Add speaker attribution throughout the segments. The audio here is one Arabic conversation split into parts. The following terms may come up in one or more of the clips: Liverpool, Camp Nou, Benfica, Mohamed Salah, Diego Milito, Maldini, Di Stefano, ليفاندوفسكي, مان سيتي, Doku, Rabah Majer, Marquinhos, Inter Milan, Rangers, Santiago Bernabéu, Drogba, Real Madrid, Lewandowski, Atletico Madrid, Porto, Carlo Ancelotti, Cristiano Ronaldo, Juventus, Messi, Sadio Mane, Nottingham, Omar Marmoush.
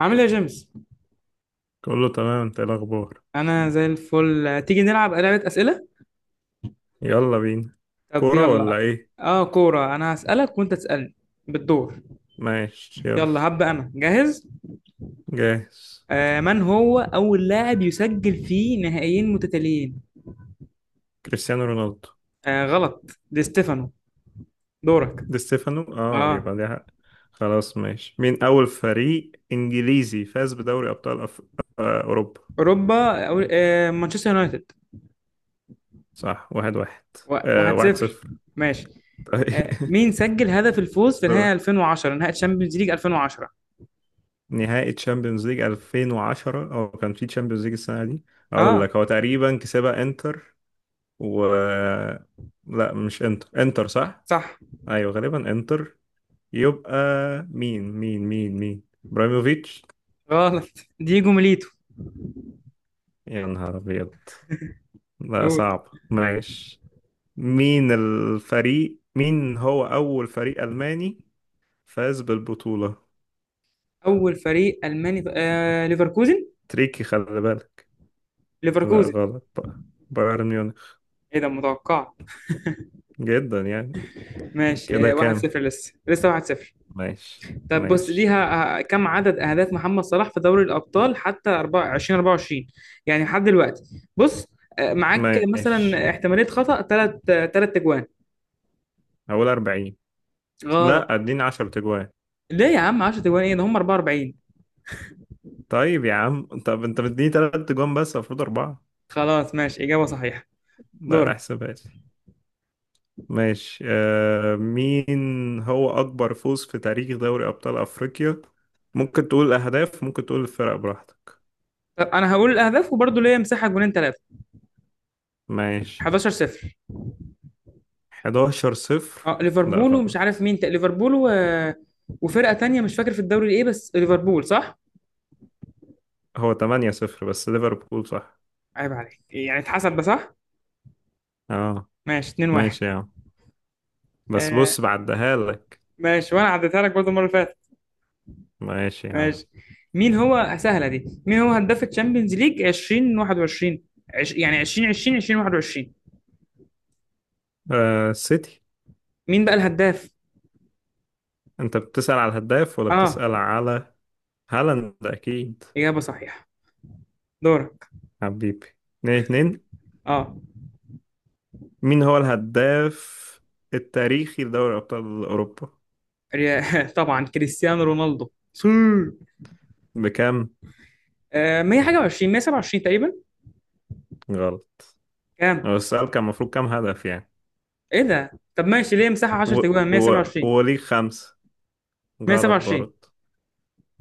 Speaker 1: عامل ايه يا جيمس؟
Speaker 2: كله تمام. انت ايه الاخبار؟
Speaker 1: انا زي الفل. تيجي نلعب لعبة اسئلة؟
Speaker 2: يلا بينا.
Speaker 1: طب
Speaker 2: كورة ولا
Speaker 1: يلا.
Speaker 2: ايه؟
Speaker 1: اه كورة. انا هسألك وانت تسألني بالدور.
Speaker 2: ماشي يلا.
Speaker 1: يلا هبدأ انا جاهز.
Speaker 2: جاهز.
Speaker 1: من هو اول لاعب يسجل في نهائيين متتاليين؟
Speaker 2: كريستيانو رونالدو.
Speaker 1: غلط، دي ستيفانو. دورك.
Speaker 2: دي ستيفانو، اه،
Speaker 1: اه،
Speaker 2: يبقى دي حق. خلاص ماشي، مين اول فريق انجليزي فاز بدوري ابطال أف... آه اوروبا؟
Speaker 1: اوروبا أو مانشستر يونايتد.
Speaker 2: صح، واحد واحد.
Speaker 1: واحد
Speaker 2: واحد
Speaker 1: صفر.
Speaker 2: صفر.
Speaker 1: ماشي.
Speaker 2: طيب
Speaker 1: مين سجل هدف الفوز في نهائي
Speaker 2: دورك.
Speaker 1: 2010، نهائي تشامبيونز ليج 2010؟
Speaker 2: نهائي تشامبيونز ليج 2010، او كان في تشامبيونز ليج السنة دي؟ اقول
Speaker 1: اه
Speaker 2: لك، هو تقريبا كسبها انتر. و لا مش انتر. انتر صح.
Speaker 1: صح.
Speaker 2: ايوه، غالبا انتر. يبقى مين ابراهيموفيتش.
Speaker 1: غلط، دييجو ميليتو.
Speaker 2: يا نهار ابيض! لا
Speaker 1: قول.
Speaker 2: صعب، ماشي. مين الفريق، مين هو اول فريق الماني فاز بالبطولة؟
Speaker 1: اول فريق الماني، ليفركوزن.
Speaker 2: تريكي، خلي بالك. لا
Speaker 1: ليفركوزن.
Speaker 2: غلط، بقى بايرن ميونخ.
Speaker 1: ايه ده، متوقع.
Speaker 2: جدا يعني.
Speaker 1: ماشي.
Speaker 2: كده كام؟
Speaker 1: 1-0 لسه 1-0.
Speaker 2: ماشي
Speaker 1: طب بص دي
Speaker 2: ماشي
Speaker 1: كم عدد اهداف محمد صلاح في دوري الابطال حتى 24؟ 24 يعني لحد دلوقتي. بص معاك
Speaker 2: ماشي.
Speaker 1: مثلا احتماليه خطا ثلاث اجوان.
Speaker 2: هقول 40.
Speaker 1: غلط.
Speaker 2: لا اديني 10 تجوان.
Speaker 1: ليه يا عم 10 اجوان، ايه ده، هم 44.
Speaker 2: طيب يا عم، طب انت مديني 3 تجوان بس المفروض اربعة.
Speaker 1: خلاص ماشي، اجابه صحيحه.
Speaker 2: لا
Speaker 1: دورك.
Speaker 2: احسبها لي. ماشي. مين هو أكبر فوز في تاريخ دوري أبطال أفريقيا؟ ممكن تقول الأهداف، ممكن تقول الفرق، براحتك.
Speaker 1: طب انا هقول الاهداف وبرضه ليا مساحه جونين ثلاثه.
Speaker 2: ماشي.
Speaker 1: 11 0.
Speaker 2: 11 صفر.
Speaker 1: اه
Speaker 2: لا
Speaker 1: ليفربول، ومش عارف
Speaker 2: غلط،
Speaker 1: مين ليفربول و... وفرقة تانية مش فاكر في الدوري ايه، بس ليفربول صح؟
Speaker 2: هو 8 صفر، بس ليفربول صح.
Speaker 1: عيب عليك، يعني اتحسب ده صح؟
Speaker 2: اه،
Speaker 1: ماشي 2-1.
Speaker 2: ماشي يا عم. بس
Speaker 1: آه،
Speaker 2: بص، بعدها لك.
Speaker 1: ماشي وانا عديتها لك برضه المرة اللي فاتت.
Speaker 2: ماشي يا عم.
Speaker 1: ماشي. مين هو، سهلة دي، مين هو هداف الشامبيونز ليج 2021؟ يعني 2020، 2021.
Speaker 2: سيتي.
Speaker 1: مين بقى الهداف؟
Speaker 2: أنت بتسأل على الهداف ولا
Speaker 1: اه،
Speaker 2: بتسأل على... هالاند أكيد.
Speaker 1: إجابة صحيحة. دورك.
Speaker 2: حبيبي. اتنين اتنين.
Speaker 1: اه
Speaker 2: مين هو الهداف التاريخي لدوري أبطال أوروبا؟
Speaker 1: طبعا كريستيانو رونالدو سي.
Speaker 2: بكام؟
Speaker 1: 121، 127 تقريبا.
Speaker 2: غلط.
Speaker 1: كام؟
Speaker 2: هو السؤال كان المفروض كام هدف يعني.
Speaker 1: ايه ده، طب ماشي ليه مساحه
Speaker 2: و...
Speaker 1: 10 تجوان،
Speaker 2: و...
Speaker 1: 127.
Speaker 2: وليه خمسة. غلط
Speaker 1: 127.
Speaker 2: برضه.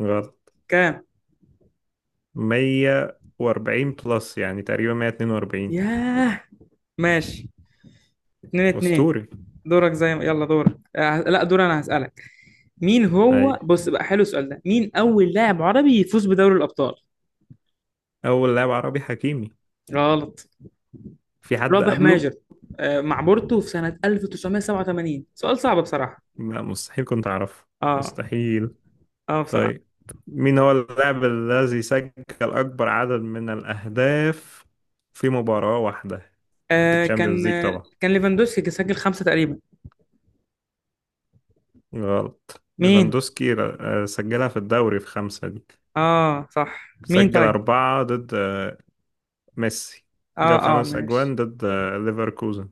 Speaker 2: غلط.
Speaker 1: كام؟
Speaker 2: مية وأربعين بلس، يعني تقريبا مية اتنين وأربعين.
Speaker 1: ياه. ماشي 2 2.
Speaker 2: أسطوري.
Speaker 1: دورك، زي ما، يلا دورك، لا دور انا هسألك. مين هو،
Speaker 2: أي،
Speaker 1: بص بقى حلو السؤال ده، مين اول لاعب عربي يفوز بدوري الابطال؟
Speaker 2: أول لاعب عربي، حكيمي.
Speaker 1: غلط.
Speaker 2: في حد
Speaker 1: رابح
Speaker 2: قبله؟
Speaker 1: ماجر، مع بورتو في سنة 1987. سؤال صعب بصراحة.
Speaker 2: لا مستحيل، كنت أعرفه.
Speaker 1: اه
Speaker 2: مستحيل.
Speaker 1: اه بصراحة.
Speaker 2: طيب، مين هو اللاعب الذي سجل أكبر عدد من الأهداف في مباراة واحدة؟ في
Speaker 1: كان
Speaker 2: الشامبيونز ليج طبعا.
Speaker 1: كان ليفاندوسكي سجل خمسة تقريبا.
Speaker 2: غلط،
Speaker 1: مين؟
Speaker 2: ليفاندوسكي سجلها في الدوري، في خمسة دي.
Speaker 1: اه صح، مين
Speaker 2: سجل
Speaker 1: طيب.
Speaker 2: أربعة ضد ميسي.
Speaker 1: اه
Speaker 2: جاب
Speaker 1: اه
Speaker 2: خمس
Speaker 1: ماشي.
Speaker 2: أجوان ضد ليفركوزن.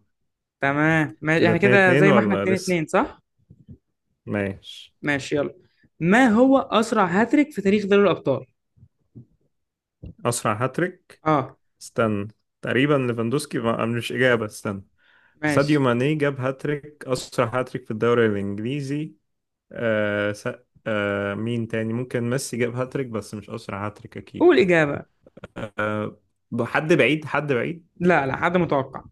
Speaker 1: تمام ماشي،
Speaker 2: كده
Speaker 1: احنا
Speaker 2: اتنين
Speaker 1: كده
Speaker 2: اتنين
Speaker 1: زي ما احنا
Speaker 2: ولا
Speaker 1: اتنين
Speaker 2: لسه؟
Speaker 1: اتنين صح؟
Speaker 2: ماشي.
Speaker 1: ماشي يلا. ما هو أسرع هاتريك في تاريخ دوري الأبطال؟
Speaker 2: أسرع هاتريك.
Speaker 1: اه،
Speaker 2: استنى. تقريبا ليفاندوسكي ما مش إجابة، استنى. ساديو
Speaker 1: ماشي.
Speaker 2: ماني جاب هاتريك أسرع هاتريك في الدوري الإنجليزي. آه س... آه مين تاني، ممكن ميسي جاب هاتريك بس مش أسرع هاتريك أكيد.
Speaker 1: قول إجابة.
Speaker 2: آه حد بعيد، حد بعيد.
Speaker 1: لا حد متوقع.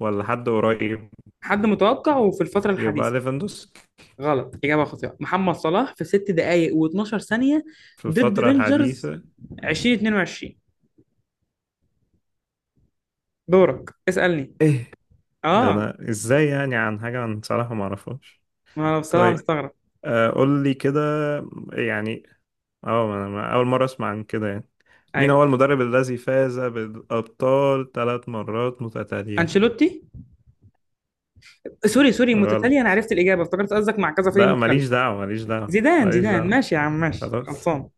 Speaker 2: ولا حد قريب؟
Speaker 1: حد متوقع وفي الفترة
Speaker 2: يبقى
Speaker 1: الحديثة.
Speaker 2: ليفاندوسكي.
Speaker 1: غلط، إجابة خاطئة. محمد صلاح في ست دقايق و12 ثانية
Speaker 2: في
Speaker 1: ضد
Speaker 2: الفترة
Speaker 1: رينجرز
Speaker 2: الحديثة.
Speaker 1: 2022. دورك، اسألني.
Speaker 2: ايه ده؟
Speaker 1: اه.
Speaker 2: انا ازاي يعني عن حاجة انا صراحة ما اعرفهاش.
Speaker 1: ما انا بصراحة
Speaker 2: طيب،
Speaker 1: مستغرب.
Speaker 2: قول لي كده، يعني اه انا اول مرة اسمع عن كده يعني. مين
Speaker 1: ايوه،
Speaker 2: هو المدرب الذي فاز بالابطال ثلاث مرات متتالية؟
Speaker 1: انشيلوتي. سوري سوري، متتالية،
Speaker 2: غلط.
Speaker 1: انا عرفت الإجابة افتكرت قصدك مع كذا فريق
Speaker 2: لا
Speaker 1: مختلف.
Speaker 2: ماليش دعوة، ماليش دعوة،
Speaker 1: زيدان
Speaker 2: ماليش
Speaker 1: زيدان
Speaker 2: دعوة.
Speaker 1: ماشي يا عم ماشي،
Speaker 2: خلاص.
Speaker 1: خلصان.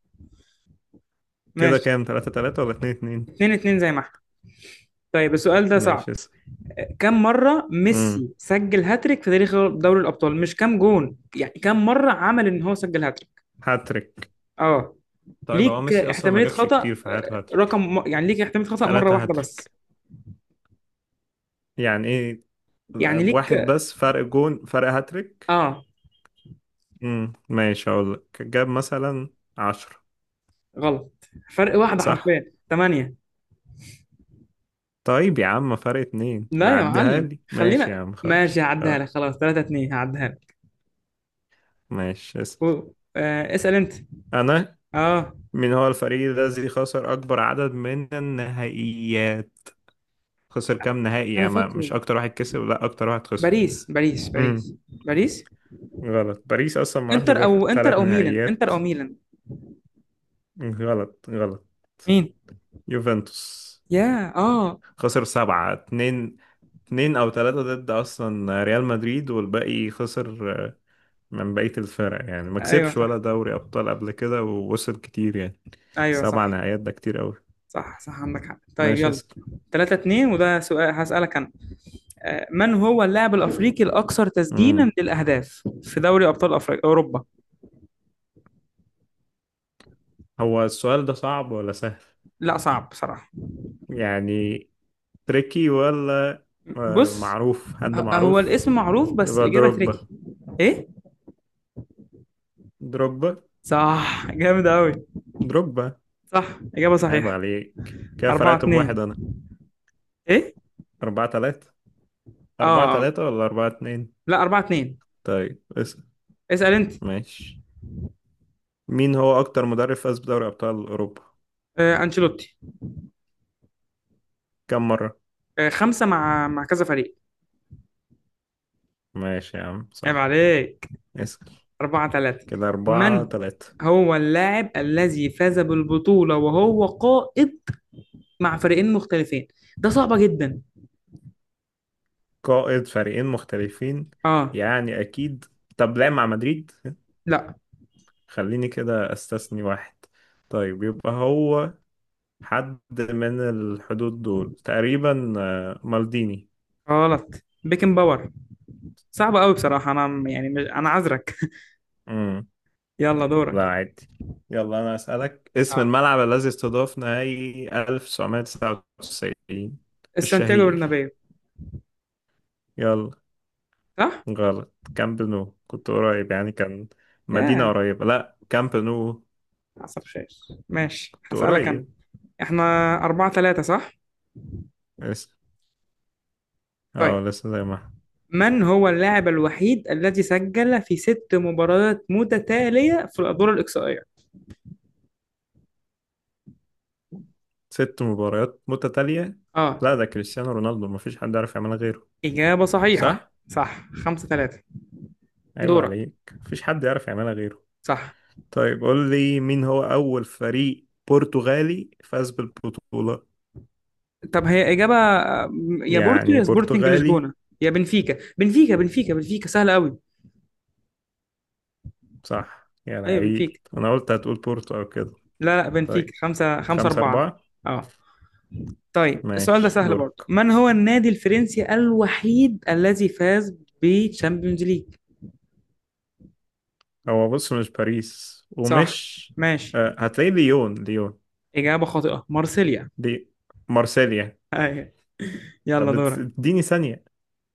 Speaker 2: كده
Speaker 1: ماشي
Speaker 2: كام، تلاتة تلاتة ولا اتنين اتنين؟
Speaker 1: 2 2 زي ما احنا. طيب السؤال ده صعب.
Speaker 2: ماشي اسأل.
Speaker 1: كم مرة
Speaker 2: امم
Speaker 1: ميسي سجل هاتريك في تاريخ دوري الأبطال؟ مش كم جون يعني، كم مرة عمل إن هو سجل هاتريك.
Speaker 2: هاتريك؟
Speaker 1: اه،
Speaker 2: طيب هو
Speaker 1: ليك
Speaker 2: ميسي اصلا ما
Speaker 1: احتمالية
Speaker 2: جابش
Speaker 1: خطأ.
Speaker 2: كتير في حياته هاتريك.
Speaker 1: رقم يعني ليك احتمالية خطأ مرة
Speaker 2: تلاتة
Speaker 1: واحدة بس.
Speaker 2: هاتريك؟ يعني ايه؟
Speaker 1: يعني
Speaker 2: واحد
Speaker 1: ليك.
Speaker 2: بس فرق جون، فرق هاتريك.
Speaker 1: اه،
Speaker 2: ماشي، اقول لك جاب مثلا عشرة.
Speaker 1: غلط، فرق واحدة،
Speaker 2: صح.
Speaker 1: حرفيا 8.
Speaker 2: طيب يا عم فرق اتنين
Speaker 1: لا
Speaker 2: ما
Speaker 1: يا
Speaker 2: عديها
Speaker 1: معلم،
Speaker 2: لي، ماشي يا
Speaker 1: خلينا
Speaker 2: عم
Speaker 1: ماشي
Speaker 2: خلاص،
Speaker 1: هعديها
Speaker 2: اه.
Speaker 1: لك، خلاص 3 2، هعديها لك.
Speaker 2: ماشي اسأل.
Speaker 1: اسأل انت.
Speaker 2: انا،
Speaker 1: اه،
Speaker 2: من هو الفريق الذي خسر اكبر عدد من النهائيات؟ خسر كام نهائي،
Speaker 1: انا
Speaker 2: يا ما،
Speaker 1: فاكره.
Speaker 2: مش اكتر واحد كسب، لا اكتر واحد خسر.
Speaker 1: باريس باريس
Speaker 2: امم
Speaker 1: باريس باريس.
Speaker 2: غلط، باريس اصلا ما راحش
Speaker 1: انتر
Speaker 2: غير
Speaker 1: او، انتر
Speaker 2: ثلاث
Speaker 1: او ميلان، انتر
Speaker 2: نهائيات.
Speaker 1: او ميلان.
Speaker 2: غلط، غلط.
Speaker 1: مين؟
Speaker 2: يوفنتوس.
Speaker 1: يا اه.
Speaker 2: خسر سبعة، اتنين، اتنين أو تلاتة ضد أصلا ريال مدريد، والباقي خسر من بقية الفرق يعني، ما
Speaker 1: ايوه
Speaker 2: كسبش ولا
Speaker 1: صح.
Speaker 2: دوري أبطال قبل كده ووصل كتير يعني.
Speaker 1: ايوه
Speaker 2: سبع
Speaker 1: صح.
Speaker 2: نهائيات، ده كتير أوي.
Speaker 1: صح صح عندك حق، طيب
Speaker 2: ماشي
Speaker 1: يلا.
Speaker 2: اسأل.
Speaker 1: 3 2. وده سؤال هسألك انا. من هو اللاعب الافريقي الاكثر
Speaker 2: مم.
Speaker 1: تسجيلا للاهداف في دوري ابطال افريقيا اوروبا؟
Speaker 2: هو السؤال ده صعب ولا سهل؟
Speaker 1: لا صعب بصراحة.
Speaker 2: يعني تريكي ولا
Speaker 1: بص،
Speaker 2: معروف، حد
Speaker 1: هو
Speaker 2: معروف؟
Speaker 1: الاسم معروف بس
Speaker 2: يبقى
Speaker 1: الاجابة تريكي.
Speaker 2: دروجبا.
Speaker 1: ايه.
Speaker 2: دروجبا.
Speaker 1: صح، جامد قوي.
Speaker 2: دروجبا.
Speaker 1: صح، اجابة
Speaker 2: عيب
Speaker 1: صحيحة.
Speaker 2: عليك كده،
Speaker 1: 4
Speaker 2: فرقت بواحد
Speaker 1: 2.
Speaker 2: أنا.
Speaker 1: ايه.
Speaker 2: أربعة تلاتة.
Speaker 1: اه
Speaker 2: أربعة
Speaker 1: آه.
Speaker 2: تلاتة ولا أربعة اتنين؟
Speaker 1: لا، 4 2.
Speaker 2: طيب اسأل.
Speaker 1: اسأل انت.
Speaker 2: ماشي، مين هو أكتر مدرب فاز بدوري أبطال أوروبا؟
Speaker 1: انشيلوتي.
Speaker 2: كم مرة؟
Speaker 1: خمسة، مع مع كذا فريق.
Speaker 2: ماشي يا عم
Speaker 1: عيب
Speaker 2: صح.
Speaker 1: عليك.
Speaker 2: اسأل.
Speaker 1: أربعة ثلاثة.
Speaker 2: كده أربعة
Speaker 1: من
Speaker 2: تلاتة.
Speaker 1: هو اللاعب الذي فاز بالبطولة وهو قائد مع فريقين مختلفين؟ ده صعبة جدا.
Speaker 2: قائد فريقين مختلفين؟
Speaker 1: اه.
Speaker 2: يعني أكيد. طب لعب مع مدريد؟
Speaker 1: لا،
Speaker 2: خليني كده أستثني واحد. طيب يبقى هو حد من الحدود دول تقريبا، مالديني.
Speaker 1: غلط، بيكن باور. صعبة قوي بصراحة، أنا يعني مش... أنا عذرك.
Speaker 2: مم.
Speaker 1: يلا
Speaker 2: لا
Speaker 1: دورك.
Speaker 2: عادي. يلا أنا أسألك، اسم
Speaker 1: اه.
Speaker 2: الملعب الذي استضاف نهائي 1999
Speaker 1: السانتياغو
Speaker 2: الشهير.
Speaker 1: برنابيو،
Speaker 2: يلا.
Speaker 1: صح؟
Speaker 2: غلط، كامب نو كنت قريب يعني، كان مدينة
Speaker 1: ياه،
Speaker 2: قريبة، لا كامب نو.
Speaker 1: حصل خير. ماشي
Speaker 2: كنت
Speaker 1: هسألك أنا.
Speaker 2: قريب.
Speaker 1: احنا أربعة ثلاثة صح؟ طيب.
Speaker 2: اه، لسه زي ما احنا.
Speaker 1: من هو اللاعب الوحيد الذي سجل في ست مباريات متتالية في الأدوار الإقصائية؟
Speaker 2: ست مباريات متتالية؟
Speaker 1: اه.
Speaker 2: لا، ده كريستيانو رونالدو، مفيش حد يعرف يعملها غيره.
Speaker 1: إجابة صحيحة.
Speaker 2: صح؟
Speaker 1: صح، خمسة ثلاثة.
Speaker 2: عيب
Speaker 1: دورك.
Speaker 2: عليك، مفيش حد يعرف يعملها غيره.
Speaker 1: صح.
Speaker 2: طيب قول لي مين هو أول فريق برتغالي فاز بالبطولة.
Speaker 1: طب هي إجابة، يا بورتو
Speaker 2: يعني
Speaker 1: يا سبورتنج
Speaker 2: برتغالي.
Speaker 1: لشبونة، يا بنفيكا بنفيكا، سهلة قوي.
Speaker 2: صح يا
Speaker 1: أيوة
Speaker 2: لعيب.
Speaker 1: بنفيكا.
Speaker 2: أنا قلت هتقول بورتو أو كده.
Speaker 1: لا لا بنفيكا،
Speaker 2: طيب.
Speaker 1: خمسة، خمسة
Speaker 2: خمسة
Speaker 1: أربعة.
Speaker 2: أربعة.
Speaker 1: أه. طيب السؤال ده
Speaker 2: ماشي
Speaker 1: سهل برضه.
Speaker 2: دورك.
Speaker 1: من هو النادي الفرنسي الوحيد الذي فاز بتشامبيونز ليج؟
Speaker 2: هو بص، مش باريس
Speaker 1: صح.
Speaker 2: ومش...
Speaker 1: ماشي.
Speaker 2: هتلاقي ليون، ليون.
Speaker 1: إجابة خاطئة، مارسيليا.
Speaker 2: دي. مارسيليا.
Speaker 1: أيوة. يلا
Speaker 2: طب
Speaker 1: دورك.
Speaker 2: اديني ثانية.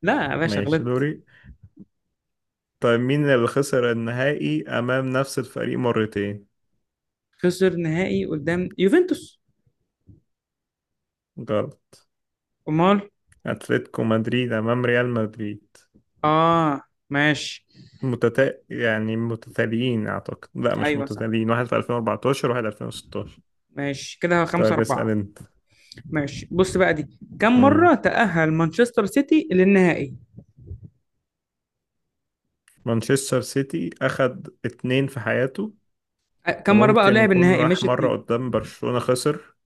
Speaker 1: لا يا باشا
Speaker 2: ماشي
Speaker 1: غلطت.
Speaker 2: دوري. طيب مين اللي خسر النهائي أمام نفس الفريق مرتين؟
Speaker 1: خسر نهائي قدام يوفنتوس.
Speaker 2: غلط.
Speaker 1: أمال.
Speaker 2: أتلتيكو مدريد أمام ريال مدريد.
Speaker 1: آه. ماشي.
Speaker 2: يعني متتاليين أعتقد، لا مش
Speaker 1: ايوه صح.
Speaker 2: متتاليين، واحد في 2014 وواحد 2016.
Speaker 1: ماشي كده خمسة
Speaker 2: طيب اسأل
Speaker 1: أربعة.
Speaker 2: أنت.
Speaker 1: ماشي. بص بقى دي، كم
Speaker 2: مم.
Speaker 1: مرة تأهل مانشستر سيتي للنهائي؟
Speaker 2: مانشستر سيتي أخد اتنين في حياته،
Speaker 1: كم مرة بقى
Speaker 2: وممكن
Speaker 1: لعب
Speaker 2: يكون
Speaker 1: النهائي،
Speaker 2: راح
Speaker 1: مش
Speaker 2: مرة
Speaker 1: اتنين.
Speaker 2: قدام برشلونة خسر.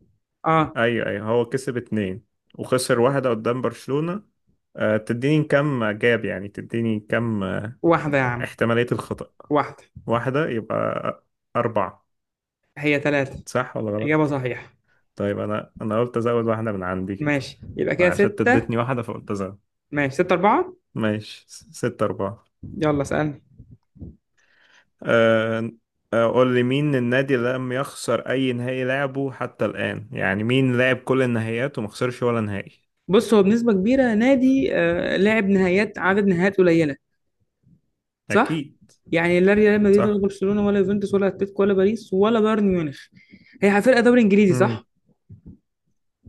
Speaker 1: اه.
Speaker 2: أيوة أيوة، هو كسب اتنين وخسر واحدة قدام برشلونة. أه، تديني كم جاب يعني، تديني كم
Speaker 1: واحدة يا عم.
Speaker 2: احتمالية الخطأ.
Speaker 1: واحدة.
Speaker 2: واحدة يبقى أربعة.
Speaker 1: هي ثلاثة.
Speaker 2: صح ولا
Speaker 1: إجابة
Speaker 2: غلط؟
Speaker 1: صحيحة.
Speaker 2: طيب أنا قلت أزود واحدة من عندي كده،
Speaker 1: ماشي يبقى كده
Speaker 2: عشان أنت
Speaker 1: ستة.
Speaker 2: اديتني واحدة فقلت أزود.
Speaker 1: ماشي ستة أربعة.
Speaker 2: ماشي ستة أربعة.
Speaker 1: يلا سألني.
Speaker 2: أه... آه، قول لي مين النادي اللي لم يخسر أي نهائي لعبه حتى الآن، يعني مين لعب كل النهائيات وما خسرش ولا نهائي.
Speaker 1: بص، هو بنسبة كبيرة نادي لعب نهائيات، عدد نهائيات قليلة صح؟
Speaker 2: أكيد.
Speaker 1: يعني لا ريال مدريد ولا
Speaker 2: صح.
Speaker 1: برشلونة ولا يوفنتوس ولا اتلتيكو ولا باريس ولا بايرن ميونخ. هي فرقة دوري إنجليزي
Speaker 2: مم.
Speaker 1: صح؟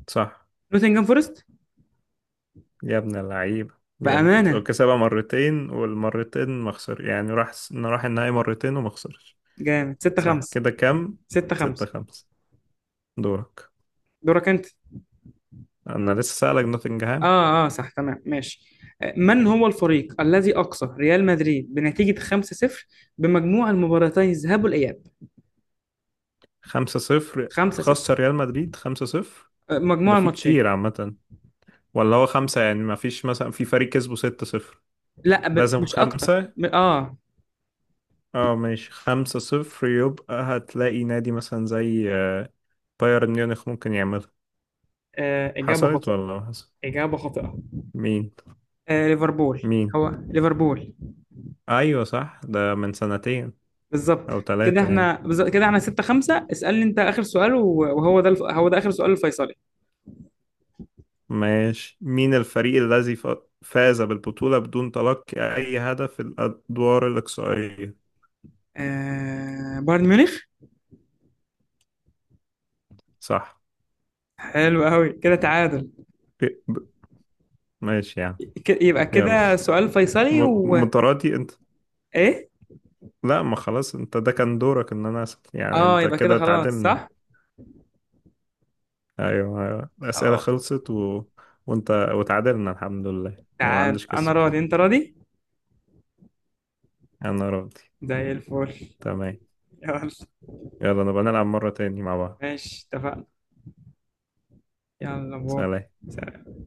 Speaker 2: صح.
Speaker 1: نوتنجهام فورست.
Speaker 2: يا ابن اللعيبة! جامد،
Speaker 1: بأمانة
Speaker 2: وكسبها مرتين والمرتين ما خسر، يعني راح النهائي مرتين وما خسرش.
Speaker 1: جامد. ستة
Speaker 2: صح
Speaker 1: خمسة.
Speaker 2: كده كام؟
Speaker 1: ستة
Speaker 2: ستة
Speaker 1: خمسة.
Speaker 2: خمسة. دورك.
Speaker 1: دورك أنت.
Speaker 2: انا لسه سألك نوتنجهام.
Speaker 1: آه صح تمام. ماشي. من هو الفريق الذي أقصى ريال مدريد بنتيجة 5-0 بمجموع المباراتين الذهاب والإياب؟
Speaker 2: 5-0؟
Speaker 1: 5-0.
Speaker 2: خسر ريال مدريد 5-0؟ ده
Speaker 1: مجموع
Speaker 2: في
Speaker 1: الماتشين.
Speaker 2: كتير عامة. ولا هو خمسة يعني، ما فيش مثلا في فريق كسبه 6-0؟
Speaker 1: لا
Speaker 2: لازم
Speaker 1: مش أكتر
Speaker 2: خمسة.
Speaker 1: م... آه
Speaker 2: اه ماشي 5-0. يبقى هتلاقي نادي مثلا زي بايرن ميونخ ممكن يعملها.
Speaker 1: إجابة
Speaker 2: حصلت ولا
Speaker 1: خاطئة.
Speaker 2: ما حصل؟
Speaker 1: إجابة خاطئة.
Speaker 2: مين؟
Speaker 1: آه، ليفربول.
Speaker 2: مين؟
Speaker 1: هو ليفربول.
Speaker 2: ايوه صح، ده من سنتين
Speaker 1: بالظبط.
Speaker 2: او
Speaker 1: كده
Speaker 2: ثلاثة يعني.
Speaker 1: احنا، بالظبط كده احنا 6 5. اسألني انت آخر سؤال، وهو ده هو ده آخر سؤال، الفيصلي.
Speaker 2: ماشي، مين الفريق الذي فاز بالبطولة بدون تلقي أي هدف في الأدوار الإقصائية؟
Speaker 1: بايرن ميونخ.
Speaker 2: صح.
Speaker 1: حلو قوي كده، تعادل.
Speaker 2: ب- ب- ماشي يعني.
Speaker 1: يبقى
Speaker 2: يلا،
Speaker 1: كده سؤال فيصلي
Speaker 2: م-
Speaker 1: و.
Speaker 2: متراتي انت.
Speaker 1: ايه.
Speaker 2: لا، ما خلاص، انت ده كان دورك ان انا اسال يعني،
Speaker 1: اه
Speaker 2: انت
Speaker 1: يبقى كده
Speaker 2: كده
Speaker 1: خلاص
Speaker 2: تعادلنا.
Speaker 1: صح.
Speaker 2: ايوه ايوه، الاسئله
Speaker 1: خلاص.
Speaker 2: خلصت وانت وتعادلنا الحمد لله يعني ما
Speaker 1: تعال،
Speaker 2: عندش
Speaker 1: انا
Speaker 2: كسب.
Speaker 1: راضي انت راضي.
Speaker 2: انا راضي.
Speaker 1: زي الفل.
Speaker 2: تمام.
Speaker 1: يلا.
Speaker 2: يلا نبقى نلعب مره تاني مع بعض.
Speaker 1: ماشي اتفقنا. يلا باي.
Speaker 2: سلام.
Speaker 1: سلام.